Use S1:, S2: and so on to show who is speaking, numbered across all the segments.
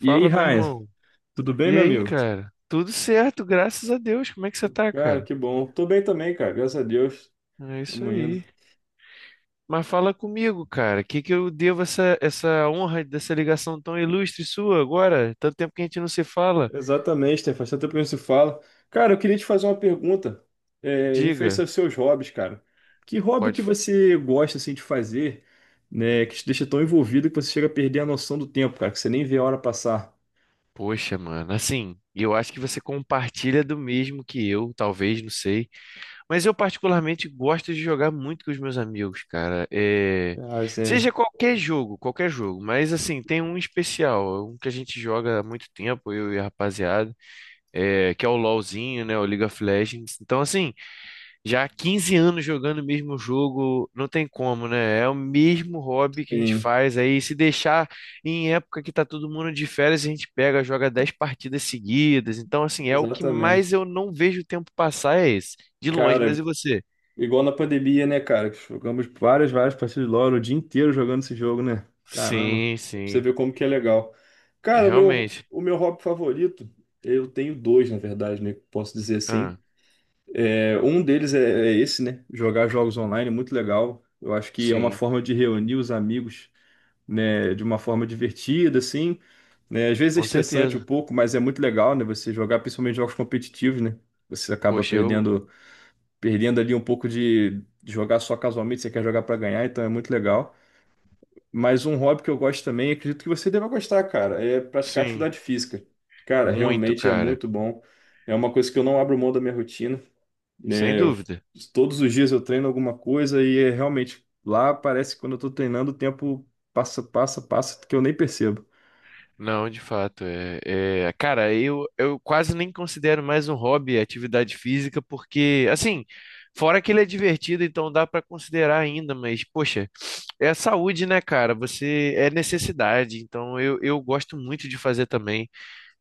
S1: E aí,
S2: meu
S1: Ryan,
S2: irmão.
S1: tudo bem,
S2: E
S1: meu
S2: aí,
S1: amigo?
S2: cara? Tudo certo, graças a Deus. Como é que você tá,
S1: Cara,
S2: cara?
S1: que bom. Tô bem também, cara, graças a Deus.
S2: É isso
S1: Tamo indo.
S2: aí. Mas fala comigo, cara. O que que eu devo essa honra dessa ligação tão ilustre sua agora? Tanto tempo que a gente não se fala.
S1: Exatamente, Stefan, faz tanto tempo que a gente se fala. Cara, eu queria te fazer uma pergunta, referente
S2: Diga.
S1: aos seus hobbies, cara. Que hobby
S2: Pode.
S1: que você gosta, assim, de fazer, né, que te deixa tão envolvido que você chega a perder a noção do tempo, cara, que você nem vê a hora passar?
S2: Poxa, mano. Assim, eu acho que você compartilha do mesmo que eu, talvez, não sei. Mas eu particularmente gosto de jogar muito com os meus amigos, cara.
S1: Ah,
S2: Seja
S1: sim.
S2: qualquer jogo, mas assim, tem um especial, um que a gente joga há muito tempo, eu e a rapaziada, que é o LoLzinho, né, o League of Legends. Então, assim, já há 15 anos jogando o mesmo jogo, não tem como, né? É o mesmo hobby que a gente
S1: Sim,
S2: faz aí, se deixar em época que tá todo mundo de férias, a gente pega, joga 10 partidas seguidas. Então, assim, é o que mais
S1: exatamente.
S2: eu não vejo o tempo passar é esse. De longe, mas
S1: Cara,
S2: e você?
S1: igual na pandemia, né, cara? Que jogamos várias, várias partidas de LoL o dia inteiro jogando esse jogo, né? Caramba,
S2: Sim,
S1: pra você
S2: sim.
S1: ver como que é legal.
S2: É,
S1: Cara, o meu,
S2: realmente.
S1: o meu hobby favorito, eu tenho dois, na verdade, né? Posso dizer assim.
S2: Ah,
S1: É, um deles é esse, né? Jogar jogos online, é muito legal. Eu acho que é uma
S2: sim,
S1: forma de reunir os amigos, né? De uma forma divertida, assim. Né? Às vezes é
S2: com
S1: estressante um
S2: certeza.
S1: pouco, mas é muito legal, né? Você jogar, principalmente jogos competitivos, né? Você acaba
S2: Poxa, eu.
S1: perdendo ali um pouco de jogar só casualmente, você quer jogar para ganhar, então é muito legal. Mas um hobby que eu gosto também, acredito que você deva gostar, cara, é praticar
S2: Sim,
S1: atividade física. Cara,
S2: muito,
S1: realmente é
S2: cara.
S1: muito bom. É uma coisa que eu não abro mão da minha rotina,
S2: Sem
S1: né?
S2: dúvida.
S1: Todos os dias eu treino alguma coisa e é realmente lá parece que quando eu tô treinando o tempo passa, passa, passa que eu nem percebo.
S2: Não, de fato. É, é, cara, eu quase nem considero mais um hobby a atividade física, porque, assim, fora que ele é divertido, então dá pra considerar ainda, mas, poxa, é a saúde, né, cara? Você é necessidade, então eu gosto muito de fazer também.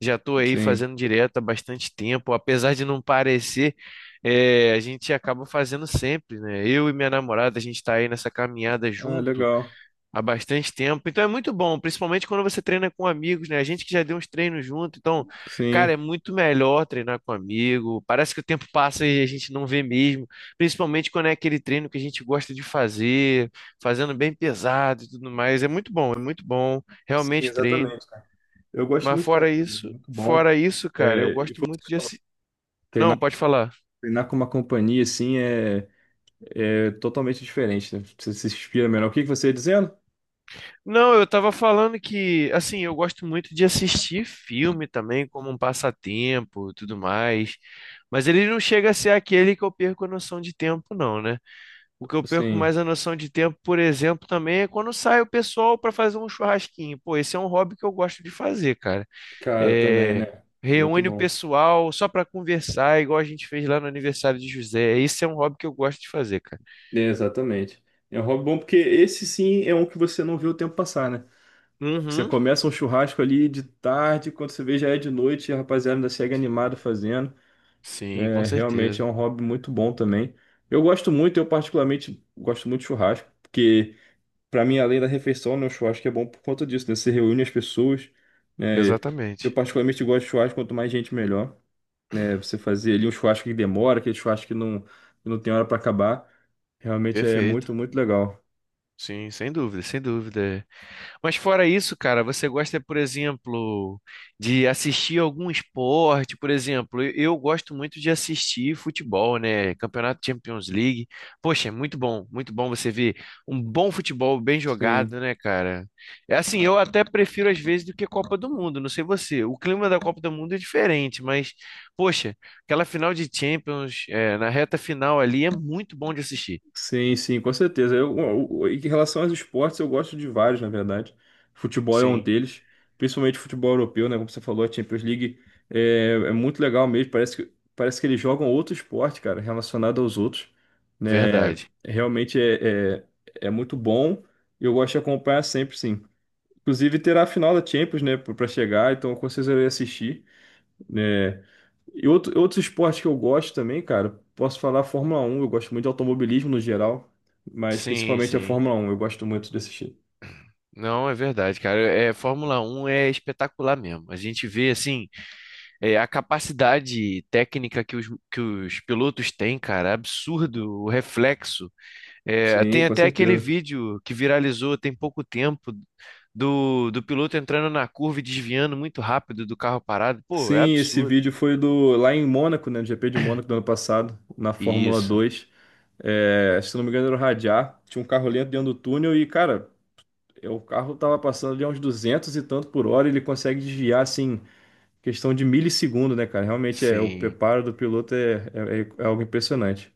S2: Já estou aí
S1: Sim.
S2: fazendo direto há bastante tempo, apesar de não parecer, a gente acaba fazendo sempre, né? Eu e minha namorada, a gente está aí nessa caminhada
S1: Ah,
S2: junto
S1: legal.
S2: há bastante tempo, então é muito bom, principalmente quando você treina com amigos, né? A gente que já deu uns treinos junto, então, cara, é
S1: Sim.
S2: muito melhor treinar com amigo. Parece que o tempo passa e a gente não vê mesmo, principalmente quando é aquele treino que a gente gosta de fazer, fazendo bem pesado e tudo mais. É muito bom,
S1: Sim,
S2: realmente treino.
S1: exatamente, cara. Eu gosto
S2: Mas
S1: muito de
S2: fora
S1: treinar também,
S2: isso,
S1: muito bom.
S2: fora isso, cara, eu
S1: É, e
S2: gosto
S1: foi
S2: muito de assistir. Não,
S1: treinar
S2: pode falar.
S1: Treinar com uma companhia assim é totalmente diferente, né? Você se inspira melhor. O que que você ia dizendo?
S2: Não, eu tava falando que, assim, eu gosto muito de assistir filme também, como um passatempo e tudo mais. Mas ele não chega a ser aquele que eu perco a noção de tempo, não, né? O que eu perco
S1: Sim,
S2: mais a noção de tempo, por exemplo, também é quando sai o pessoal pra fazer um churrasquinho. Pô, esse é um hobby que eu gosto de fazer, cara.
S1: cara, também,
S2: É,
S1: né? Muito
S2: reúne o
S1: bom.
S2: pessoal só pra conversar, igual a gente fez lá no aniversário de José. Esse é um hobby que eu gosto de fazer, cara.
S1: É, exatamente. É um hobby bom porque esse sim é um que você não vê o tempo passar, né? Você
S2: Uhum.
S1: começa um churrasco ali de tarde, quando você vê já é de noite, e a rapaziada ainda segue animado fazendo.
S2: Sim, com
S1: É, realmente é
S2: certeza.
S1: um hobby muito bom também. Eu gosto muito, eu particularmente gosto muito de churrasco, porque para mim, além da refeição, né, o churrasco é bom por conta disso, né? Você reúne as pessoas. Né? Eu
S2: Exatamente.
S1: particularmente gosto de churrasco, quanto mais gente, melhor. Né? Você fazer ali um churrasco que demora, aquele churrasco que não tem hora para acabar. Realmente é
S2: Perfeito.
S1: muito, muito legal.
S2: Sim, sem dúvida, sem dúvida. Mas fora isso, cara, você gosta, por exemplo, de assistir algum esporte? Por exemplo, eu gosto muito de assistir futebol, né? Campeonato Champions League. Poxa, é muito bom você ver um bom futebol bem
S1: Sim.
S2: jogado, né, cara? É assim, eu até prefiro às vezes do que Copa do Mundo, não sei você. O clima da Copa do Mundo é diferente, mas, poxa, aquela final de Champions, na reta final ali é muito bom de assistir.
S1: Sim, sim, com certeza. Em relação aos esportes, eu gosto de vários, na verdade. Futebol é um
S2: Sim,
S1: deles, principalmente futebol europeu, né? Como você falou, a Champions League é muito legal mesmo. Parece que eles jogam outro esporte, cara, relacionado aos outros, né?
S2: verdade.
S1: Realmente é muito bom. Eu gosto de acompanhar sempre, sim. Inclusive, terá a final da Champions, né, para chegar, então com certeza eu irei assistir, né? E outros esportes que eu gosto também, cara, posso falar Fórmula 1. Eu gosto muito de automobilismo no geral, mas
S2: Sim,
S1: principalmente a
S2: sim.
S1: Fórmula 1. Eu gosto muito de assistir.
S2: Não, é verdade, cara. É, Fórmula Um é espetacular mesmo. A gente vê, assim, a capacidade técnica que os pilotos têm, cara, é absurdo, o reflexo. É,
S1: Sim,
S2: tem
S1: com
S2: até aquele
S1: certeza.
S2: vídeo que viralizou tem pouco tempo do piloto entrando na curva e desviando muito rápido do carro parado. Pô, é
S1: Sim, esse
S2: absurdo.
S1: vídeo foi do lá em Mônaco, né, no GP de Mônaco do ano passado, na Fórmula
S2: Isso,
S1: Dois. É, se não me engano era o Radiar, tinha um carro lento dentro do túnel e, cara, o carro tava passando ali a uns 200 e tanto por hora, e ele consegue desviar, assim, questão de milissegundo, né, cara? Realmente é, o
S2: sim.
S1: preparo do piloto é algo impressionante.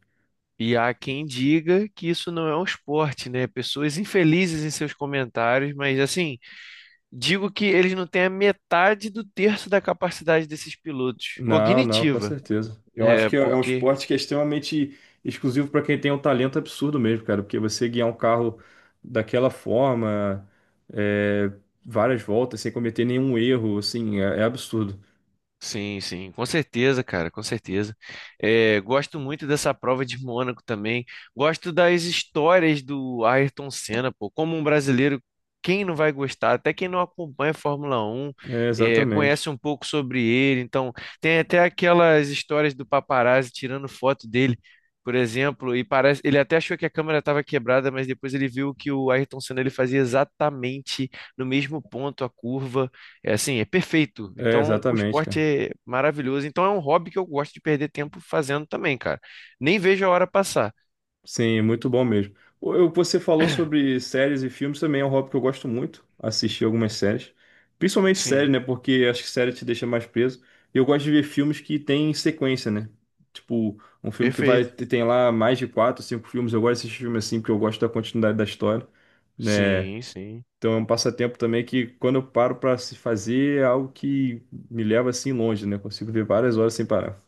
S2: E há quem diga que isso não é um esporte, né? Pessoas infelizes em seus comentários, mas assim. Digo que eles não têm a metade do terço da capacidade desses pilotos
S1: Não, não, com
S2: cognitiva,
S1: certeza. Eu acho
S2: é,
S1: que é um
S2: porque
S1: esporte que é extremamente exclusivo para quem tem um talento absurdo mesmo, cara, porque você guiar um carro daquela forma, é, várias voltas, sem cometer nenhum erro, assim, é absurdo.
S2: sim, sim, com certeza, cara, com certeza. É, gosto muito dessa prova de Mônaco também. Gosto das histórias do Ayrton Senna, pô. Como um brasileiro, quem não vai gostar? Até quem não acompanha a Fórmula Um
S1: É, exatamente.
S2: conhece um pouco sobre ele. Então, tem até aquelas histórias do paparazzi tirando foto dele, por exemplo. E parece, ele até achou que a câmera estava quebrada, mas depois ele viu que o Ayrton Senna ele fazia exatamente no mesmo ponto a curva é assim, é perfeito.
S1: É,
S2: Então, o
S1: exatamente,
S2: esporte
S1: cara.
S2: é maravilhoso. Então, é um hobby que eu gosto de perder tempo fazendo também, cara. Nem vejo a hora passar.
S1: Sim, muito bom mesmo. Você falou sobre séries e filmes, também é um hobby que eu gosto muito, assistir algumas séries. Principalmente séries,
S2: Sim,
S1: né? Porque acho que série te deixa mais preso. E eu gosto de ver filmes que têm sequência, né? Tipo, um filme que vai
S2: perfeito.
S1: tem lá mais de quatro, cinco filmes. Eu gosto desse filme assim, porque eu gosto da continuidade da história, né?
S2: Sim, sim.
S1: Então é um passatempo também que quando eu paro para se fazer é algo que me leva assim longe, né? Consigo ver várias horas sem parar.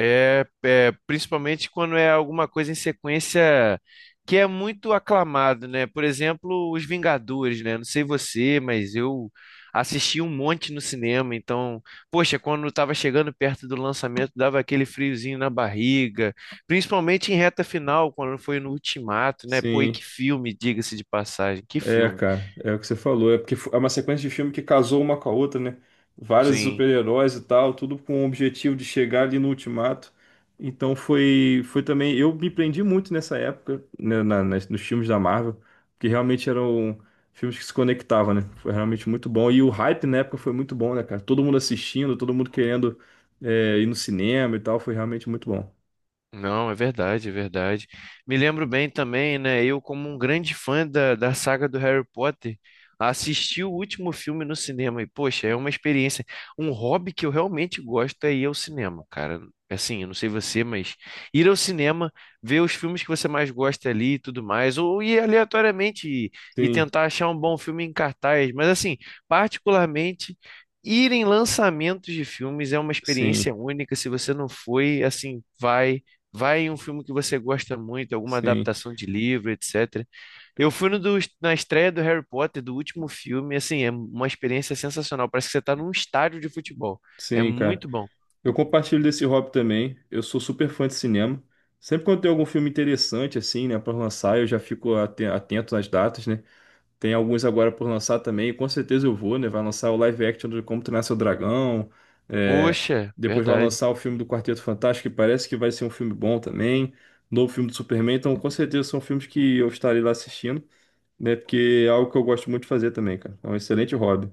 S2: É, é, principalmente quando é alguma coisa em sequência que é muito aclamado, né? Por exemplo, Os Vingadores, né? Não sei você, mas eu assisti um monte no cinema, então, poxa, quando estava chegando perto do lançamento, dava aquele friozinho na barriga, principalmente em reta final, quando foi no Ultimato, né? Pô, e
S1: Sim.
S2: que filme, diga-se de passagem, que
S1: É,
S2: filme.
S1: cara, é o que você falou. É porque é uma sequência de filme que casou uma com a outra, né? Vários
S2: Sim.
S1: super-heróis e tal, tudo com o objetivo de chegar ali no ultimato. Então foi também. Eu me prendi muito nessa época, né, nos filmes da Marvel, porque realmente eram filmes que se conectavam, né? Foi realmente muito bom. E o hype na época foi muito bom, né, cara? Todo mundo assistindo, todo mundo querendo, ir no cinema e tal, foi realmente muito bom.
S2: Não, é verdade, é verdade. Me lembro bem também, né? Eu, como um grande fã da saga do Harry Potter, assisti o último filme no cinema e, poxa, é uma experiência. Um hobby que eu realmente gosto é ir ao cinema, cara. Assim, eu não sei você, mas ir ao cinema, ver os filmes que você mais gosta ali e tudo mais, ou ir aleatoriamente e
S1: Sim,
S2: tentar achar um bom filme em cartaz. Mas, assim, particularmente. Ir em lançamentos de filmes é uma experiência
S1: sim,
S2: única. Se você não foi, assim, vai. Vai em um filme que você gosta muito, alguma
S1: sim,
S2: adaptação de livro, etc. Eu fui no do- na estreia do Harry Potter, do último filme, assim, é uma experiência sensacional. Parece que você está num estádio de futebol. É
S1: sim, cara.
S2: muito bom.
S1: Eu compartilho desse hobby também. Eu sou super fã de cinema. Sempre quando tem algum filme interessante, assim, né, para lançar, eu já fico atento nas datas, né? Tem alguns agora por lançar também, e com certeza eu vou, né? Vai lançar o live action do Como Treinar Seu Dragão. é,
S2: Poxa,
S1: Depois vai
S2: verdade.
S1: lançar o filme do Quarteto Fantástico, que parece que vai ser um filme bom também. Novo filme do Superman. Então, com certeza são filmes que eu estarei lá assistindo, né? Porque é algo que eu gosto muito de fazer também, cara. É um excelente hobby.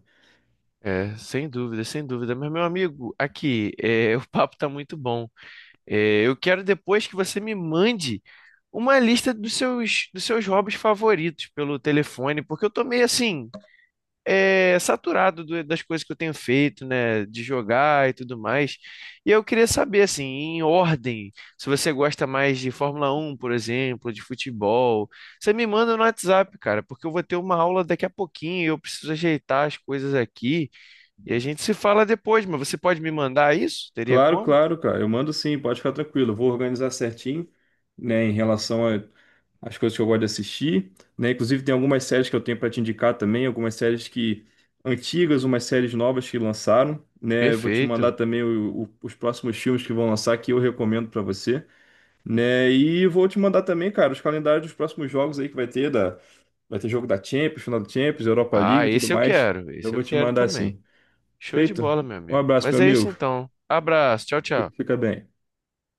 S2: É, sem dúvida, sem dúvida. Mas, meu amigo, aqui, é, o papo tá muito bom. É, eu quero depois que você me mande uma lista dos seus hobbies favoritos pelo telefone, porque eu tô meio assim. É, saturado do- das coisas que eu tenho feito, né, de jogar e tudo mais. E eu queria saber, assim, em ordem, se você gosta mais de Fórmula Um, por exemplo, de futebol, você me manda no WhatsApp, cara, porque eu vou ter uma aula daqui a pouquinho e eu preciso ajeitar as coisas aqui e a gente se fala depois, mas você pode me mandar isso? Teria
S1: Claro,
S2: como?
S1: claro, cara. Eu mando sim, pode ficar tranquilo. Eu vou organizar certinho, né, em relação às coisas que eu gosto de assistir, né? Inclusive tem algumas séries que eu tenho para te indicar também, algumas séries que antigas, umas séries novas que lançaram, né? Eu vou te mandar
S2: Perfeito.
S1: também os próximos filmes que vão lançar que eu recomendo para você, né? E vou te mandar também, cara, os calendários dos próximos jogos aí que vai ter jogo da Champions, final da Champions, Europa League
S2: Ah,
S1: e tudo
S2: esse eu
S1: mais.
S2: quero,
S1: Eu
S2: esse
S1: vou
S2: eu
S1: te
S2: quero
S1: mandar
S2: também.
S1: assim.
S2: Show de
S1: Feito?
S2: bola, meu
S1: Um
S2: amigo.
S1: abraço, meu
S2: Mas é isso
S1: amigo.
S2: então. Abraço, tchau, tchau.
S1: Fica bem.